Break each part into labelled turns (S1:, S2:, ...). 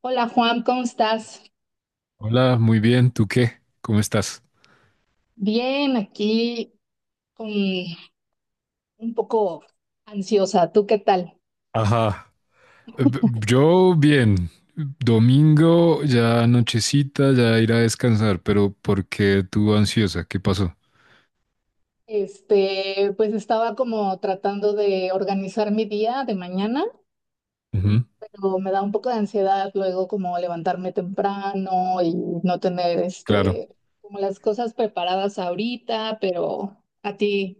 S1: Hola Juan, ¿cómo estás?
S2: Hola, muy bien. ¿Tú qué? ¿Cómo estás?
S1: Bien, aquí con un poco ansiosa. ¿Tú qué tal?
S2: Ajá. Eh, b- Yo bien. Domingo, ya nochecita, ya ir a descansar, pero ¿por qué tú ansiosa? ¿Qué pasó?
S1: Pues estaba como tratando de organizar mi día de mañana,
S2: Ujú.
S1: pero me da un poco de ansiedad luego como levantarme temprano y no tener
S2: Claro.
S1: como las cosas preparadas ahorita, pero a ti.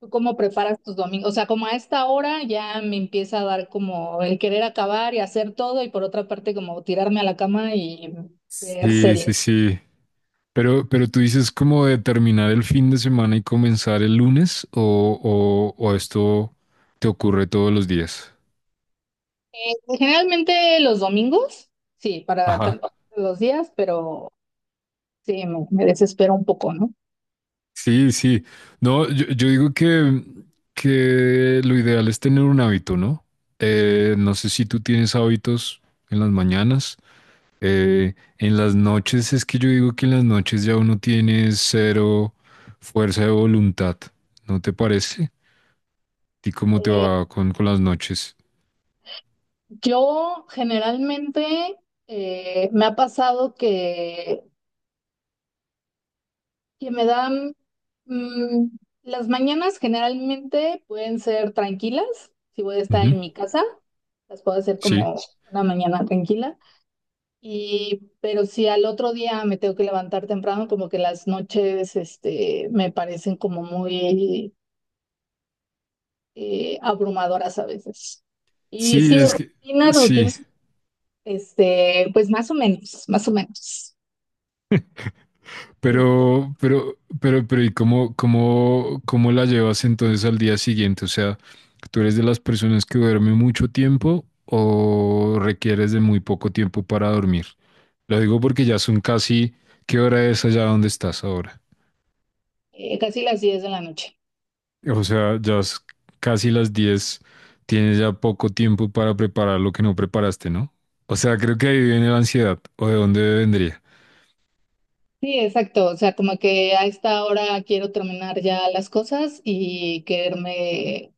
S1: ¿Tú cómo preparas tus domingos? O sea, como a esta hora ya me empieza a dar como el querer acabar y hacer todo y por otra parte como tirarme a la cama y ver
S2: Sí, sí,
S1: series.
S2: sí. Pero tú dices como de terminar el fin de semana y comenzar el lunes o esto te ocurre todos los días.
S1: Generalmente los domingos, sí,
S2: Ajá.
S1: los días, pero sí, me desespero un poco, ¿no?
S2: Sí, sí. No, yo digo que lo ideal es tener un hábito, ¿no? No sé si tú tienes hábitos en las mañanas. En las noches es que yo digo que en las noches ya uno tiene cero fuerza de voluntad, ¿no te parece? ¿Y cómo te
S1: Eh,
S2: va con las noches?
S1: yo generalmente me ha pasado que, me dan, mm, las mañanas generalmente pueden ser tranquilas si voy a estar
S2: Ujú.
S1: en mi casa. Las puedo hacer
S2: Sí.
S1: como una mañana tranquila. Pero si al otro día me tengo que levantar temprano, como que las noches, me parecen como muy abrumadoras a veces. Y
S2: Sí,
S1: sí,
S2: es que
S1: rutina, rutina,
S2: sí.
S1: pues más o menos, más o menos. Tú,
S2: Pero, ¿y cómo la llevas entonces al día siguiente? O sea, ¿tú eres de las personas que duerme mucho tiempo o requieres de muy poco tiempo para dormir? Lo digo porque ya son casi, ¿qué hora es allá donde estás ahora?
S1: Casi las 10 de la noche.
S2: O sea, ya es casi las 10. Tienes ya poco tiempo para preparar lo que no preparaste, ¿no? O sea, creo que ahí viene la ansiedad, ¿o de dónde vendría?
S1: Sí, exacto. O sea, como que a esta hora quiero terminar ya las cosas y quererme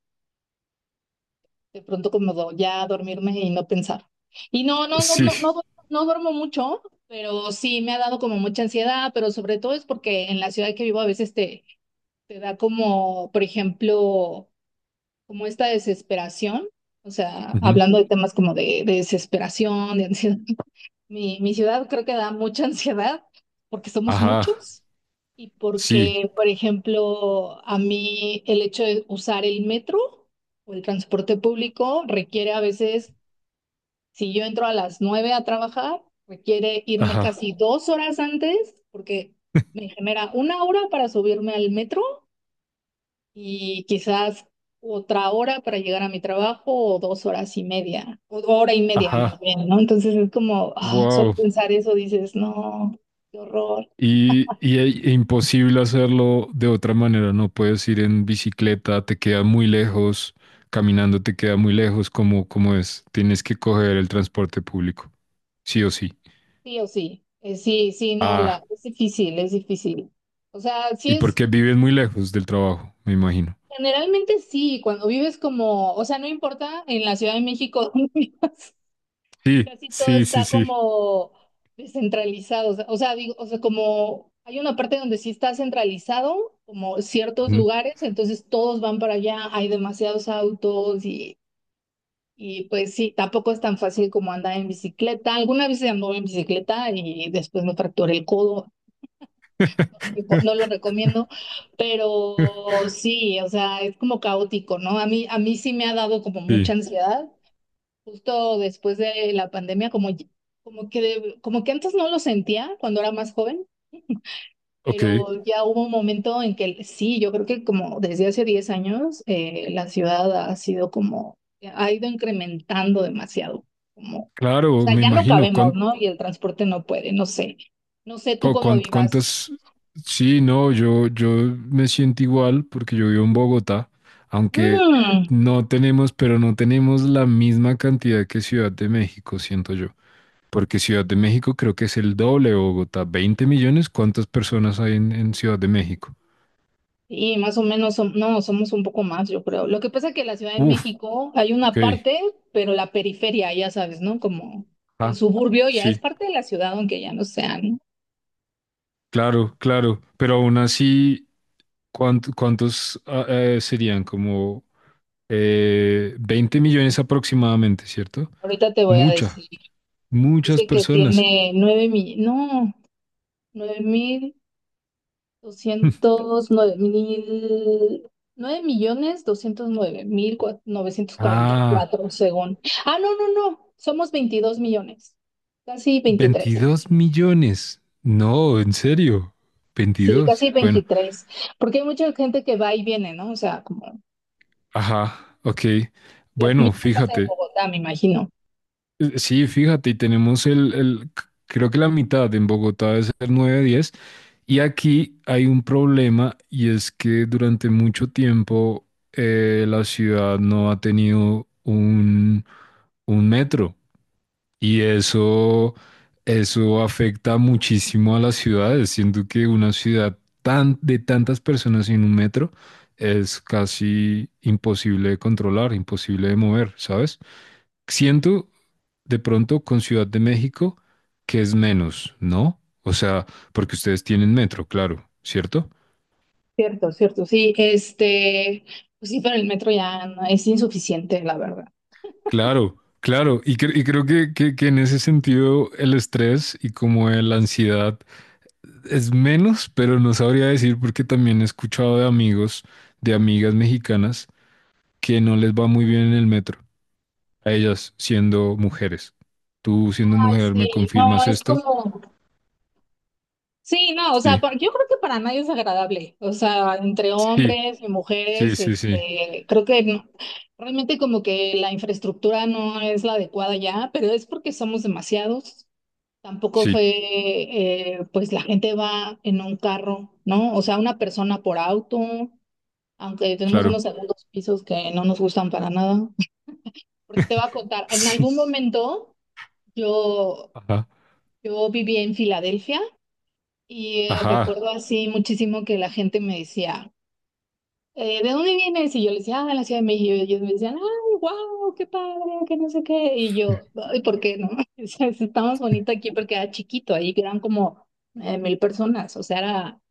S1: de pronto como ya dormirme y no pensar. Y no, no, no, no,
S2: Sí.
S1: no, duermo no duermo mucho, pero sí me ha dado como mucha ansiedad, pero sobre todo es porque en la ciudad que vivo a veces te da como, por ejemplo, como esta desesperación, o sea,
S2: Ujú.
S1: hablando de temas como de desesperación, de ansiedad. Mi ciudad creo que da mucha ansiedad porque somos
S2: Ajá,
S1: muchos y
S2: sí,
S1: porque, por ejemplo, a mí el hecho de usar el metro o el transporte público requiere a veces, si yo entro a las 9 a trabajar, requiere irme
S2: ajá,
S1: casi 2 horas antes porque me genera 1 hora para subirme al metro y quizás otra hora para llegar a mi trabajo o 2 horas y media, o hora y media más
S2: ajá.
S1: bien, ¿no? Entonces es como, ah, solo
S2: Wow.
S1: pensar eso dices, no, qué horror.
S2: E imposible hacerlo de otra manera, no puedes ir en bicicleta, te queda muy lejos, caminando te queda muy lejos, como es, tienes que coger el transporte público, sí o sí.
S1: Sí o sí, sí, sí, no,
S2: Ah,
S1: es difícil, es difícil. O sea, sí
S2: y
S1: es,
S2: porque viven muy lejos del trabajo, me imagino.
S1: generalmente sí, cuando vives como, o sea, no importa en la Ciudad de México, donde vivas,
S2: Sí,
S1: casi todo
S2: sí, sí,
S1: está
S2: sí.
S1: como descentralizado, o sea, digo, como hay una parte donde sí está centralizado, como ciertos
S2: Ujú.
S1: lugares, entonces todos van para allá, hay demasiados autos y pues sí, tampoco es tan fácil como andar en bicicleta. Alguna vez anduve en bicicleta y después me fracturé el codo, no lo recomiendo, pero sí, o sea, es como caótico, ¿no? A mí, sí me ha dado como
S2: Sí,
S1: mucha ansiedad. Justo después de la pandemia, como, como que, como que antes no lo sentía cuando era más joven,
S2: ok,
S1: pero ya hubo un momento en que sí, yo creo que como desde hace 10 años, la ciudad ha sido como, ha ido incrementando demasiado, como, o
S2: claro,
S1: sea,
S2: me
S1: ya no
S2: imagino.
S1: cabemos, ¿no? Y el transporte no puede, no sé, no sé tú cómo vivas.
S2: ¿Cuántas? Sí, no, yo me siento igual porque yo vivo en Bogotá, aunque
S1: Mm.
S2: no tenemos, pero no tenemos la misma cantidad que Ciudad de México, siento yo. Porque Ciudad de México creo que es el doble de Bogotá. ¿20 millones? ¿Cuántas personas hay en Ciudad de México?
S1: Y más o menos, no, somos un poco más, yo creo. Lo que pasa que en la Ciudad de
S2: Uf,
S1: México hay una
S2: ok.
S1: parte, pero la periferia, ya sabes, ¿no? Como el
S2: Ah,
S1: suburbio ya es
S2: sí,
S1: parte de la ciudad, aunque ya no sea, ¿no?
S2: claro, claro. Pero aún así, ¿cuántos serían? Como 20 millones aproximadamente, ¿cierto?
S1: Ahorita te voy a decir.
S2: Mucha, muchas
S1: Dice que
S2: personas.
S1: tiene nueve mil, no, nueve mil doscientos, nueve mil, nueve millones doscientos nueve mil novecientos cuarenta y
S2: Ah,
S1: cuatro, según. Ah, no, no, no, somos 22 millones, casi 23.
S2: 22 millones. No, en serio.
S1: Sí,
S2: 22.
S1: casi
S2: Bueno,
S1: 23, porque hay mucha gente que va y viene, ¿no? O sea, como
S2: ajá, ok.
S1: lo
S2: Bueno,
S1: mismo pasa en
S2: fíjate.
S1: Bogotá, me imagino.
S2: Sí, fíjate, y tenemos creo que la mitad en Bogotá debe ser 9, 10. Y aquí hay un problema y es que durante mucho tiempo la ciudad no ha tenido un metro. Y eso afecta muchísimo a las ciudades. Siento que una ciudad tan, de tantas personas en un metro es casi imposible de controlar, imposible de mover, ¿sabes? Siento de pronto con Ciudad de México que es menos, ¿no? O sea, porque ustedes tienen metro, claro, ¿cierto?
S1: Cierto, cierto, sí, pues sí, pero el metro es insuficiente, la verdad.
S2: Claro, claro. Y creo que en ese sentido el estrés y como la ansiedad es menos, pero no sabría decir porque también he escuchado de amigos, de amigas mexicanas, que no les va muy bien en el metro, a ellas siendo mujeres. Tú siendo
S1: Ay,
S2: mujer, ¿me
S1: sí, no,
S2: confirmas
S1: es
S2: esto?
S1: como, sí, no, o sea,
S2: Sí,
S1: yo creo que para nadie es agradable, o sea, entre
S2: sí,
S1: hombres y
S2: sí,
S1: mujeres,
S2: sí, sí,
S1: creo que realmente como que la infraestructura no es la adecuada ya, pero es porque somos demasiados. Tampoco fue,
S2: sí,
S1: pues la gente va en un carro, ¿no? O sea, una persona por auto, aunque tenemos unos
S2: claro.
S1: segundos pisos que no nos gustan para nada. Porque te voy a contar, en
S2: Sí.
S1: algún momento yo,
S2: Ajá,
S1: yo viví en Filadelfia y
S2: ajá,
S1: recuerdo así muchísimo que la gente me decía, ¿de dónde vienes? Y yo le decía, ah, de la Ciudad de México. Y ellos me decían, ay, wow, qué padre, que no sé qué. Y yo, ay, ¿por qué no? O sea, está más bonito aquí porque era chiquito, ahí eran como 1.000 personas, o sea, era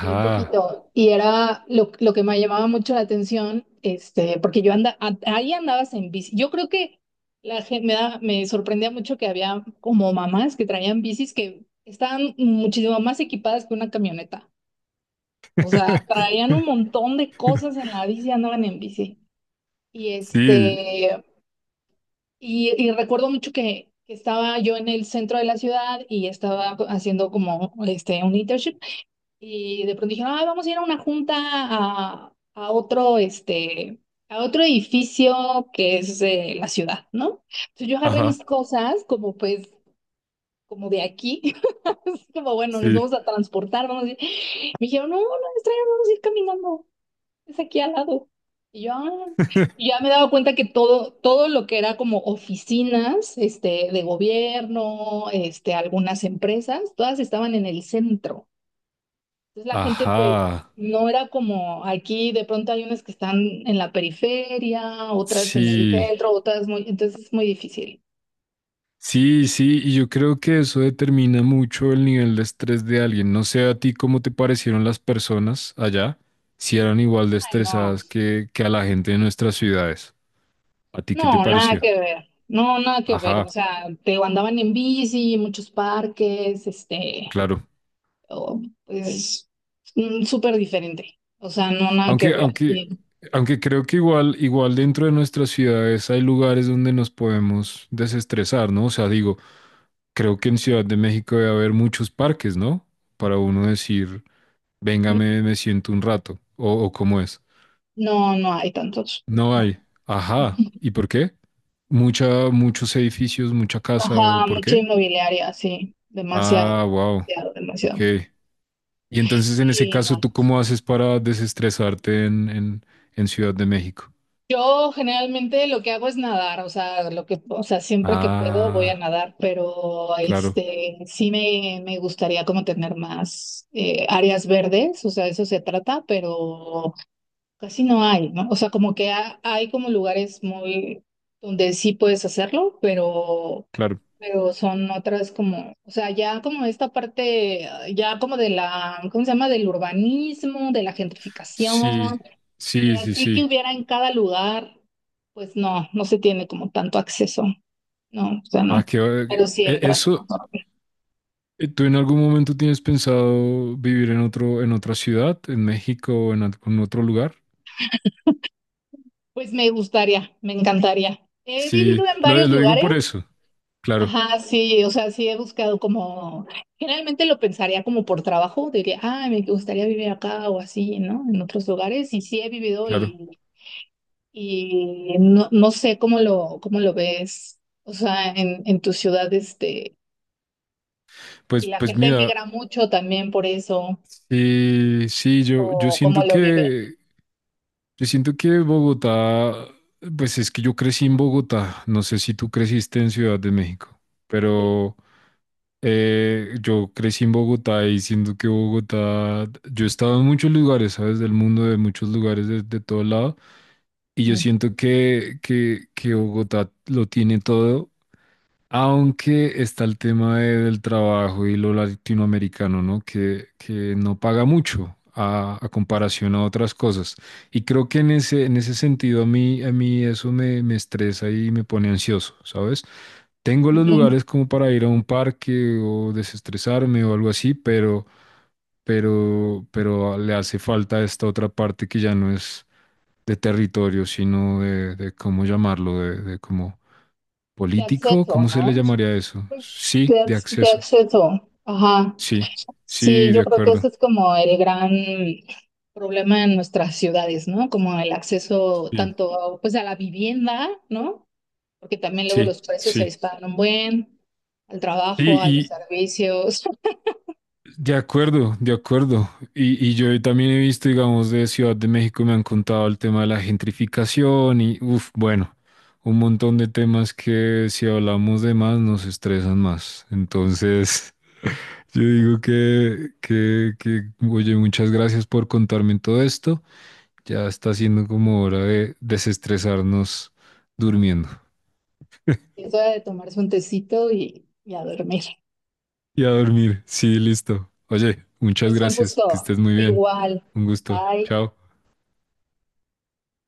S1: bien poquito. Y era lo que me llamaba mucho la atención, porque yo andaba, ahí andabas en bici. Yo creo que la gente me sorprendía mucho que había como mamás que traían bicis que estaban muchísimo más equipadas que una camioneta. O sea, traían un montón de cosas en la bici, andaban en bici. Y
S2: Sí,
S1: este, y recuerdo mucho que, estaba yo en el centro de la ciudad y estaba haciendo como un internship y de pronto dijeron, "Ay, vamos a ir a una junta a otro edificio que es de la ciudad, ¿no?" Entonces yo agarré mis
S2: ajá,
S1: cosas como pues como de aquí, como bueno, nos
S2: sí.
S1: vamos a transportar, vamos a ir. Me dijeron, "No, no, extraño vamos a ir caminando." Es aquí al lado. Y yo, "Ah". Y ya me he dado cuenta que todo, todo lo que era como oficinas, de gobierno, algunas empresas, todas estaban en el centro. Entonces la gente, pues,
S2: Ajá,
S1: no era como aquí, de pronto hay unas que están en la periferia, otras en el
S2: sí.
S1: centro, otras muy, entonces es muy difícil.
S2: Sí, sí, y yo creo que eso determina mucho el nivel de estrés de alguien. No sé a ti cómo te parecieron las personas allá, si eran igual de
S1: Ay, no,
S2: estresadas que a la gente de nuestras ciudades. ¿A ti qué te
S1: no, nada
S2: pareció?
S1: que ver, no, nada que ver.
S2: Ajá,
S1: O sea, te digo, andaban en bici, muchos parques.
S2: claro.
S1: Oh, pues súper diferente. O sea, no nada que
S2: Aunque,
S1: ver.
S2: aunque,
S1: Y
S2: aunque creo que igual, igual dentro de nuestras ciudades hay lugares donde nos podemos desestresar, ¿no? O sea, digo, creo que en Ciudad de México debe haber muchos parques, ¿no? Para uno decir, venga,
S1: no,
S2: me siento un rato, o cómo es.
S1: no, no hay tantos.
S2: No
S1: No.
S2: hay. Ajá. ¿Y por qué? Muchos edificios, mucha casa, ¿o
S1: Ajá,
S2: por
S1: mucha
S2: qué?
S1: inmobiliaria, sí. Demasiado,
S2: Ah, wow.
S1: demasiado, demasiado.
S2: Ok. Y entonces, en ese
S1: Sí, no.
S2: caso,
S1: No.
S2: ¿tú cómo haces para desestresarte en Ciudad de México?
S1: Yo generalmente lo que hago es nadar, o sea, lo que, o sea, siempre que puedo voy a
S2: Ah,
S1: nadar, pero
S2: claro,
S1: este sí me gustaría como tener más áreas verdes, o sea, eso se trata, pero casi no hay, ¿no? O sea, como que hay como lugares muy donde sí puedes hacerlo, pero,
S2: claro.
S1: son otras como, o sea, ya como esta parte, ah, ya como de la, ¿cómo se llama? Del urbanismo, de la
S2: Sí,
S1: gentrificación,
S2: sí,
S1: pero
S2: sí,
S1: así que
S2: sí.
S1: hubiera en cada lugar, pues no, no se tiene como tanto acceso, no, o sea,
S2: Ah,
S1: no,
S2: que
S1: pero sí el tráfico.
S2: eso. ¿Tú en algún momento tienes pensado vivir en otra ciudad, en México o en algún otro lugar?
S1: Pues me gustaría, me encantaría. He
S2: Sí,
S1: vivido en
S2: lo,
S1: varios
S2: lo digo
S1: lugares.
S2: por eso. Claro,
S1: Ajá, sí, o sea, sí he buscado como, generalmente lo pensaría como por trabajo, diría, ah, me gustaría vivir acá o así, ¿no? En otros lugares, y sí he vivido
S2: claro.
S1: y no, no sé cómo lo ves, o sea, en tu ciudad, y
S2: Pues,
S1: la
S2: pues
S1: gente
S2: mira,
S1: emigra mucho también por eso,
S2: sí, sí,
S1: o cómo lo vive.
S2: yo siento que Bogotá, pues es que yo crecí en Bogotá, no sé si tú creciste en Ciudad de México,
S1: Sí.
S2: pero yo crecí en Bogotá y siento que Bogotá, yo he estado en muchos lugares, ¿sabes? Del mundo, de muchos lugares, de todo lado, y yo
S1: Mm,
S2: siento que Bogotá lo tiene todo aunque está el tema del trabajo y lo latinoamericano, ¿no? Que no paga mucho a comparación a otras cosas. Y creo que en ese sentido a mí eso me estresa y me pone ansioso, ¿sabes? Tengo los
S1: ujú.
S2: lugares como para ir a un parque o desestresarme o algo así, pero le hace falta esta otra parte que ya no es de territorio, sino de ¿cómo llamarlo? De cómo.
S1: De
S2: ¿Político?
S1: acceso,
S2: ¿Cómo se le
S1: ¿no?
S2: llamaría eso?
S1: Pues
S2: Sí, de
S1: de
S2: acceso.
S1: acceso, ajá.
S2: Sí, sí,
S1: Sí,
S2: de
S1: yo creo que ese
S2: acuerdo.
S1: es como el gran problema en nuestras ciudades, ¿no? Como el acceso
S2: Sí,
S1: tanto pues a la vivienda, ¿no? Porque también luego
S2: sí,
S1: los precios se
S2: sí.
S1: disparan un buen, al trabajo,
S2: Sí,
S1: a los
S2: y
S1: servicios,
S2: de acuerdo, de acuerdo. Y yo también he visto, digamos, de Ciudad de México, me han contado el tema de la gentrificación y, uff, bueno, un montón de temas que si hablamos de más nos estresan más. Entonces, yo digo oye, muchas gracias por contarme todo esto. Ya está siendo como hora de desestresarnos durmiendo.
S1: es hora de tomarse un tecito y a dormir.
S2: Y a dormir. Sí, listo. Oye, muchas
S1: Pues un
S2: gracias. Que
S1: gusto,
S2: estés muy bien.
S1: igual,
S2: Un gusto.
S1: bye.
S2: Chao.